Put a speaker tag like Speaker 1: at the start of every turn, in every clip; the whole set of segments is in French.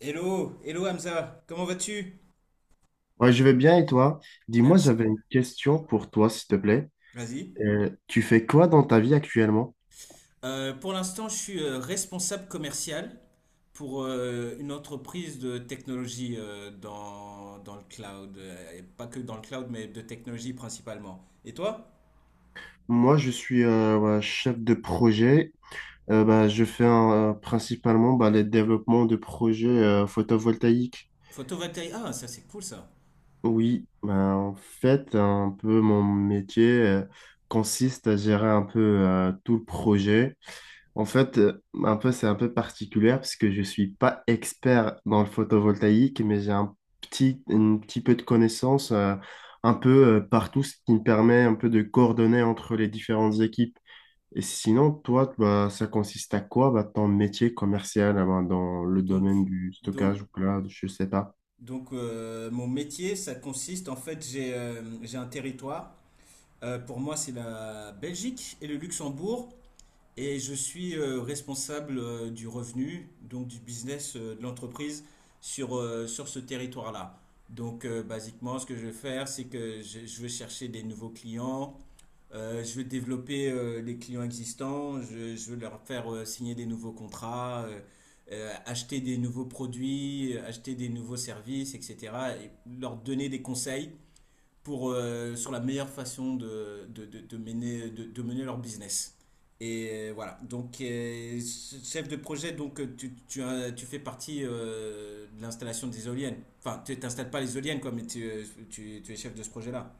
Speaker 1: Hello, hello Hamza, comment vas-tu?
Speaker 2: Ouais, je vais bien et toi? Dis-moi,
Speaker 1: Merci.
Speaker 2: j'avais une question pour toi, s'il te plaît.
Speaker 1: Moi, vas-y.
Speaker 2: Tu fais quoi dans ta vie actuellement?
Speaker 1: Pour l'instant, je suis responsable commercial pour une entreprise de technologie dans, dans le cloud. Et pas que dans le cloud, mais de technologie principalement. Et toi?
Speaker 2: Moi, je suis ouais, chef de projet. Bah, je fais principalement bah, les développements de projets photovoltaïques.
Speaker 1: Photovoltaïque. Ah, ça c'est cool ça.
Speaker 2: Oui, bah, en fait, un peu mon métier consiste à gérer un peu tout le projet. En fait, un peu, c'est un peu particulier parce que je suis pas expert dans le photovoltaïque, mais j'ai un petit peu de connaissances un peu partout, ce qui me permet un peu de coordonner entre les différentes équipes. Et sinon, toi, bah, ça consiste à quoi, bah, ton métier commercial ah ben, dans le
Speaker 1: Donc,
Speaker 2: domaine du
Speaker 1: donc,
Speaker 2: stockage ou cloud, je sais pas.
Speaker 1: donc, mon métier, ça consiste en fait, j'ai un territoire. Pour moi, c'est la Belgique et le Luxembourg. Et je suis responsable du revenu, donc du business de l'entreprise sur ce territoire-là. Donc, basiquement, ce que je vais faire, c'est que je vais chercher des nouveaux clients, je vais développer les clients existants, je vais leur faire signer des nouveaux contrats, acheter des nouveaux produits, acheter des nouveaux services, etc. Et leur donner des conseils pour, sur la meilleure façon de mener leur business. Et voilà, donc chef de projet, donc euh, tu fais partie de l'installation des éoliennes. Enfin, tu t'installes pas les éoliennes, quoi, mais tu es chef de ce projet-là.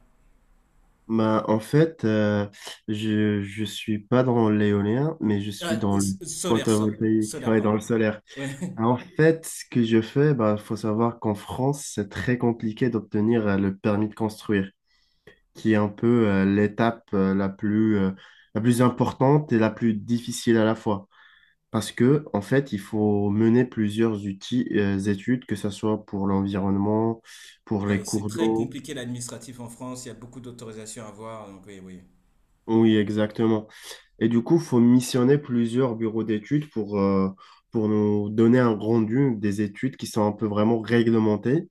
Speaker 2: Bah, en fait, je suis pas dans l'éolien, mais je suis
Speaker 1: Ah,
Speaker 2: dans le
Speaker 1: solaire,
Speaker 2: photovoltaïque,
Speaker 1: solaire,
Speaker 2: ouais, dans le
Speaker 1: pardon.
Speaker 2: solaire.
Speaker 1: Ouais.
Speaker 2: En fait, ce que je fais, bah, faut savoir qu'en France, c'est très compliqué d'obtenir le permis de construire, qui est un peu l'étape la plus importante et la plus difficile à la fois. Parce que, en fait, il faut mener plusieurs outils, études, que ce soit pour l'environnement, pour
Speaker 1: Ah
Speaker 2: les
Speaker 1: oui, c'est
Speaker 2: cours
Speaker 1: très
Speaker 2: d'eau.
Speaker 1: compliqué l'administratif en France, il y a beaucoup d'autorisations à avoir, donc oui, oui.
Speaker 2: Oui, exactement. Et du coup, il faut missionner plusieurs bureaux d'études pour nous donner un rendu des études qui sont un peu vraiment réglementées.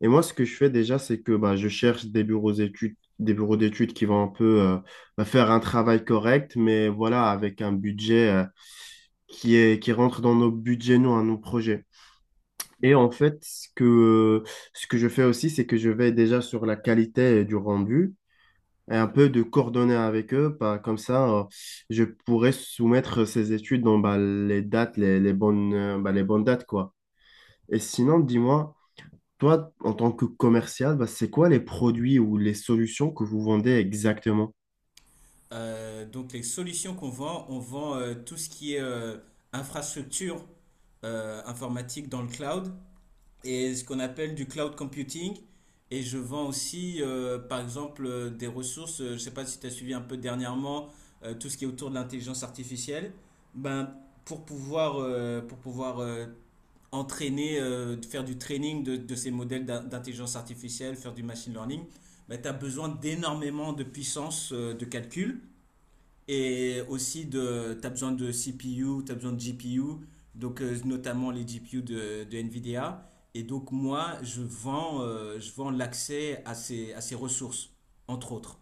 Speaker 2: Et moi, ce que je fais déjà, c'est que bah, je cherche des bureaux d'études qui vont un peu bah, faire un travail correct, mais voilà, avec un budget qui rentre dans nos budgets, nous, à nos projets. Et en fait, ce que je fais aussi, c'est que je vais déjà sur la qualité du rendu et un peu de coordonner avec eux. Pas comme ça, je pourrais soumettre ces études dans bah, les dates, les bonnes, les bonnes dates, quoi. Et sinon, dis-moi, toi, en tant que commercial, bah, c'est quoi les produits ou les solutions que vous vendez exactement?
Speaker 1: Donc les solutions qu'on vend, on vend tout ce qui est infrastructure informatique dans le cloud et ce qu'on appelle du cloud computing. Et je vends aussi, par exemple, des ressources. Je ne sais pas si tu as suivi un peu dernièrement tout ce qui est autour de l'intelligence artificielle. Ben, pour pouvoir entraîner, faire du training de ces modèles d'intelligence artificielle, faire du machine learning, ben, tu as besoin d'énormément de puissance de calcul. Et aussi, de, tu as besoin de CPU, tu as besoin de GPU, donc notamment les GPU de NVIDIA. Et donc, moi, je vends l'accès à ces ressources, entre autres.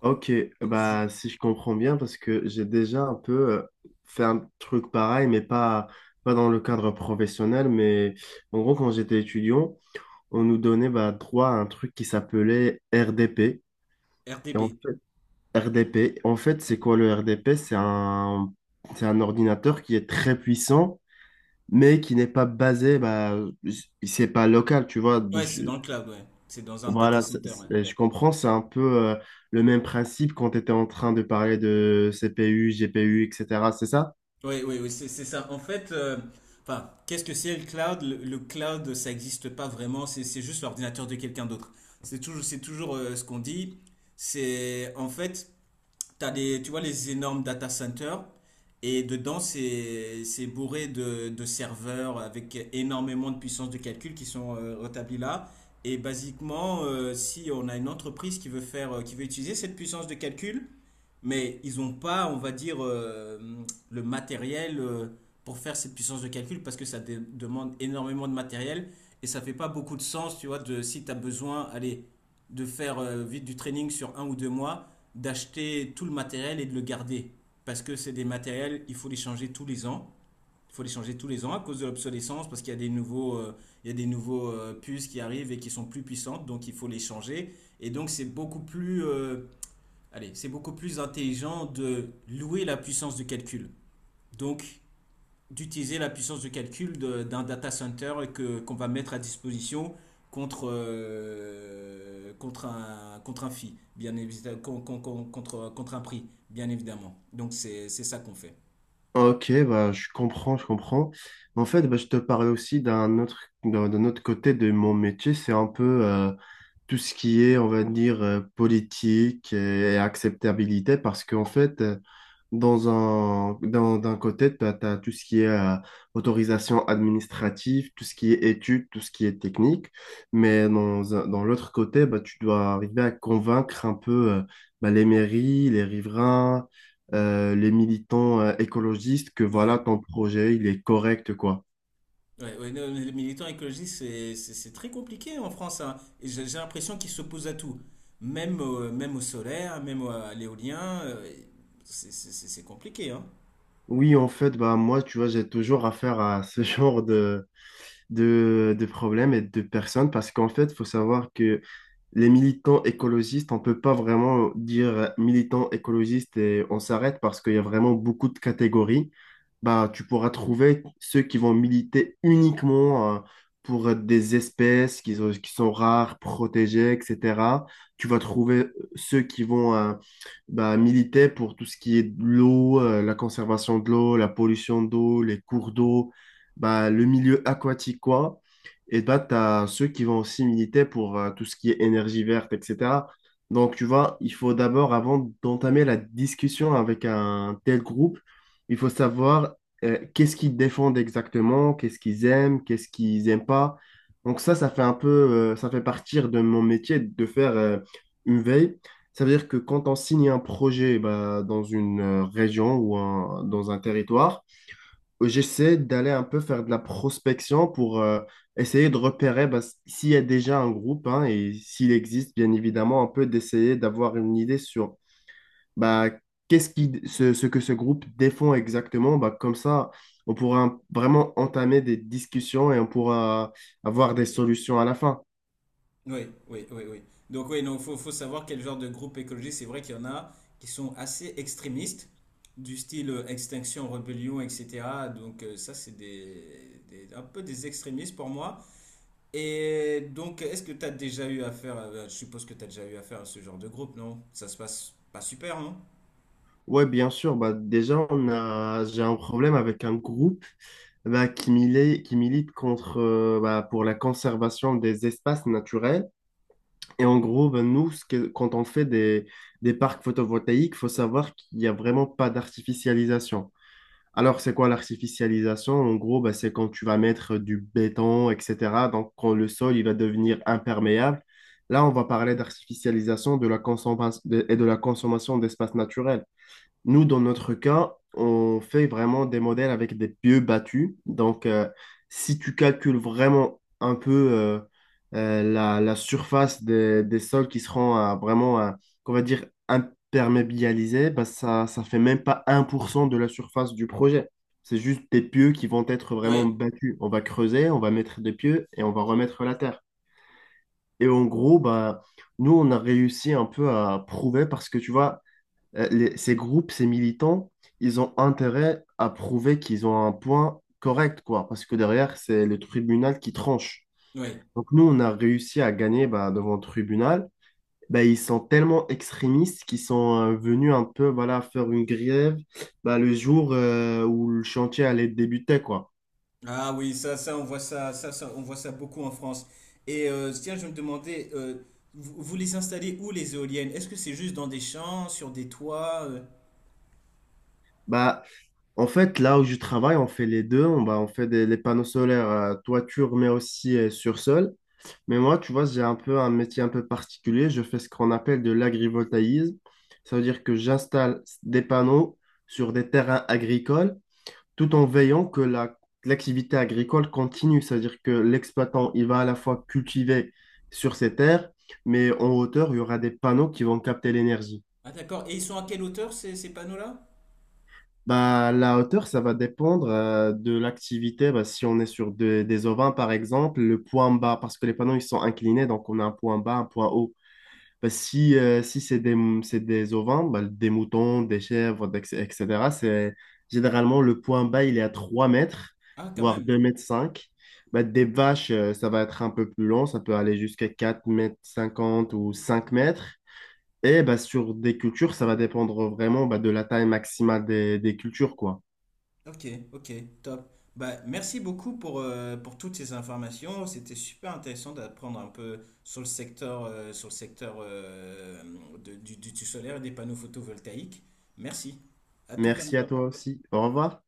Speaker 2: Ok,
Speaker 1: Je-
Speaker 2: bah si je comprends bien, parce que j'ai déjà un peu fait un truc pareil, pas dans le cadre professionnel, mais en gros, quand j'étais étudiant, on nous donnait bah, droit à un truc qui s'appelait RDP. Et en
Speaker 1: RDB.
Speaker 2: fait, RDP, en fait, c'est quoi le RDP? C'est un ordinateur qui est très puissant, mais qui n'est pas basé, bah, c'est pas local, tu vois.
Speaker 1: Ouais, c'est dans le cloud, ouais. C'est dans un data
Speaker 2: Voilà,
Speaker 1: center, ouais.
Speaker 2: je comprends, c'est un peu le même principe quand tu étais en train de parler de CPU, GPU, etc. C'est ça?
Speaker 1: Oui, oui, oui, c'est ça. En fait, enfin, qu'est-ce que c'est le cloud? Le cloud, ça n'existe pas vraiment, c'est juste l'ordinateur de quelqu'un d'autre. C'est toujours ce qu'on dit. C'est en fait, t'as des, tu vois les énormes data centers et dedans c'est bourré de serveurs avec énormément de puissance de calcul qui sont rétablis là. Et basiquement, si on a une entreprise qui veut faire, qui veut utiliser cette puissance de calcul, mais ils n'ont pas, on va dire, le matériel pour faire cette puissance de calcul parce que ça demande énormément de matériel et ça fait pas beaucoup de sens, tu vois, de si tu as besoin, allez, de faire vite du training sur un ou deux mois, d'acheter tout le matériel et de le garder. Parce que c'est des matériels, il faut les changer tous les ans. Il faut les changer tous les ans à cause de l'obsolescence, parce qu'il y a des nouveaux, il y a des nouveaux puces qui arrivent et qui sont plus puissantes, donc il faut les changer. Et donc c'est beaucoup plus allez, c'est beaucoup plus intelligent de louer la puissance de calcul. Donc, d'utiliser la puissance de calcul d'un data center que, qu'on va mettre à disposition contre, contre un fee, bien évidemment, contre un prix, bien évidemment. Donc, c'est ça qu'on fait.
Speaker 2: Ok, bah, je comprends, je comprends. En fait, bah, je te parlais aussi d'un autre côté de mon métier. C'est un peu tout ce qui est, on va dire, politique et acceptabilité. Parce qu'en fait, dans d'un côté, tu as tout ce qui est autorisation administrative, tout ce qui est études, tout ce qui est technique. Mais dans l'autre côté, bah, tu dois arriver à convaincre un peu bah, les mairies, les riverains, les militants écologistes que voilà,
Speaker 1: Ouais.
Speaker 2: ton projet, il est correct, quoi.
Speaker 1: Ouais, ouais, non, les militants écologistes, c'est très compliqué en France, hein. Et j'ai l'impression qu'ils s'opposent à tout. Même, même au solaire, même à l'éolien, c'est compliqué, hein.
Speaker 2: Oui, en fait, bah, moi, tu vois, j'ai toujours affaire à ce genre de problèmes et de personnes parce qu'en fait, il faut savoir que les militants écologistes, on ne peut pas vraiment dire militants écologistes et on s'arrête parce qu'il y a vraiment beaucoup de catégories. Bah, tu pourras trouver ceux qui vont militer uniquement pour des espèces qui sont rares, protégées, etc. Tu vas trouver ceux qui vont bah, militait pour tout ce qui est de l'eau, la conservation de l'eau, la pollution d'eau, les cours d'eau, bah, le milieu aquatique, quoi. Et bah, tu as ceux qui vont aussi militer pour tout ce qui est énergie verte, etc. Donc, tu vois, il faut d'abord, avant d'entamer la discussion avec un tel groupe, il faut savoir qu'est-ce qu'ils défendent exactement, qu'est-ce qu'ils aiment, qu'est-ce qu'ils n'aiment pas. Donc ça, ça fait partir de mon métier de faire une veille, ça veut dire que quand on signe un projet bah, dans une région ou dans un territoire, j'essaie d'aller un peu faire de la prospection pour essayer de repérer bah, s'il y a déjà un groupe hein, et s'il existe, bien évidemment, un peu d'essayer d'avoir une idée sur bah, ce que ce groupe défend exactement. Bah, comme ça, on pourra vraiment entamer des discussions et on pourra avoir des solutions à la fin.
Speaker 1: Oui, oui, oui, oui. Donc, oui, non, faut savoir quel genre de groupe écologiste. C'est vrai qu'il y en a qui sont assez extrémistes, du style Extinction, Rébellion, etc. Donc, ça, un peu des extrémistes pour moi. Et donc, est-ce que tu as déjà eu affaire à, je suppose que tu as déjà eu affaire à ce genre de groupe, non? Ça se passe pas super, non?
Speaker 2: Ouais, bien sûr. Bah, déjà, j'ai un problème avec un groupe bah, qui milite contre, bah, pour la conservation des espaces naturels. Et en gros, bah, nous, quand on fait des parcs photovoltaïques, faut savoir qu'il n'y a vraiment pas d'artificialisation. Alors, c'est quoi l'artificialisation? En gros, bah, c'est quand tu vas mettre du béton, etc. Donc, quand le sol il va devenir imperméable. Là, on va parler d'artificialisation de la consommation et de la consommation d'espaces naturels. Nous, dans notre cas, on fait vraiment des modèles avec des pieux battus. Donc, si tu calcules vraiment un peu la surface des sols qui seront qu'on va dire, imperméabilisés, bah, ça ne fait même pas 1% de la surface du projet. C'est juste des pieux qui vont être vraiment
Speaker 1: Oui,
Speaker 2: battus. On va creuser, on va mettre des pieux et on va remettre la terre. Et en gros, bah, nous, on a réussi un peu à prouver parce que tu vois, ces groupes, ces militants, ils ont intérêt à prouver qu'ils ont un point correct, quoi, parce que derrière, c'est le tribunal qui tranche.
Speaker 1: oui.
Speaker 2: Donc nous, on a réussi à gagner bah, devant le tribunal. Bah, ils sont tellement extrémistes qu'ils sont venus un peu voilà, faire une grève bah, le jour où le chantier allait débuter, quoi.
Speaker 1: Ah oui, on voit ça, on voit ça beaucoup en France. Et tiens, je me demandais, vous les installez où les éoliennes? Est-ce que c'est juste dans des champs, sur des toits?
Speaker 2: Bah, en fait, là où je travaille, on fait les deux. On, bah, on fait les panneaux solaires toiture, mais aussi sur sol. Mais moi, tu vois, j'ai un peu un métier un peu particulier. Je fais ce qu'on appelle de l'agrivoltaïsme. Ça veut dire que j'installe des panneaux sur des terrains agricoles tout en veillant que l'activité agricole continue. Ça veut dire que l'exploitant, il va à la fois cultiver sur ses terres, mais en hauteur, il y aura des panneaux qui vont capter l'énergie.
Speaker 1: Ah d'accord. Et ils sont à quelle hauteur ces, ces panneaux-là?
Speaker 2: Bah, la hauteur, ça va dépendre de l'activité. Bah, si on est sur des ovins, par exemple, le point bas, parce que les panneaux, ils sont inclinés, donc on a un point bas, un point haut. Parce que si c'est des ovins, bah, des moutons, des chèvres, etc., c'est généralement le point bas, il est à 3 mètres,
Speaker 1: Ah quand
Speaker 2: voire deux
Speaker 1: même.
Speaker 2: mètres cinq Bah, des vaches, ça va être un peu plus long, ça peut aller jusqu'à 4 mètres 50 ou 5 mètres. Et bah, sur des cultures, ça va dépendre vraiment bah, de la taille maximale des cultures, quoi.
Speaker 1: Ok, ok, top. Bah merci beaucoup pour toutes ces informations. C'était super intéressant d'apprendre un peu sur le secteur, du solaire et des panneaux photovoltaïques. Merci. À tout,
Speaker 2: Merci à
Speaker 1: Hamza.
Speaker 2: toi aussi. Au revoir.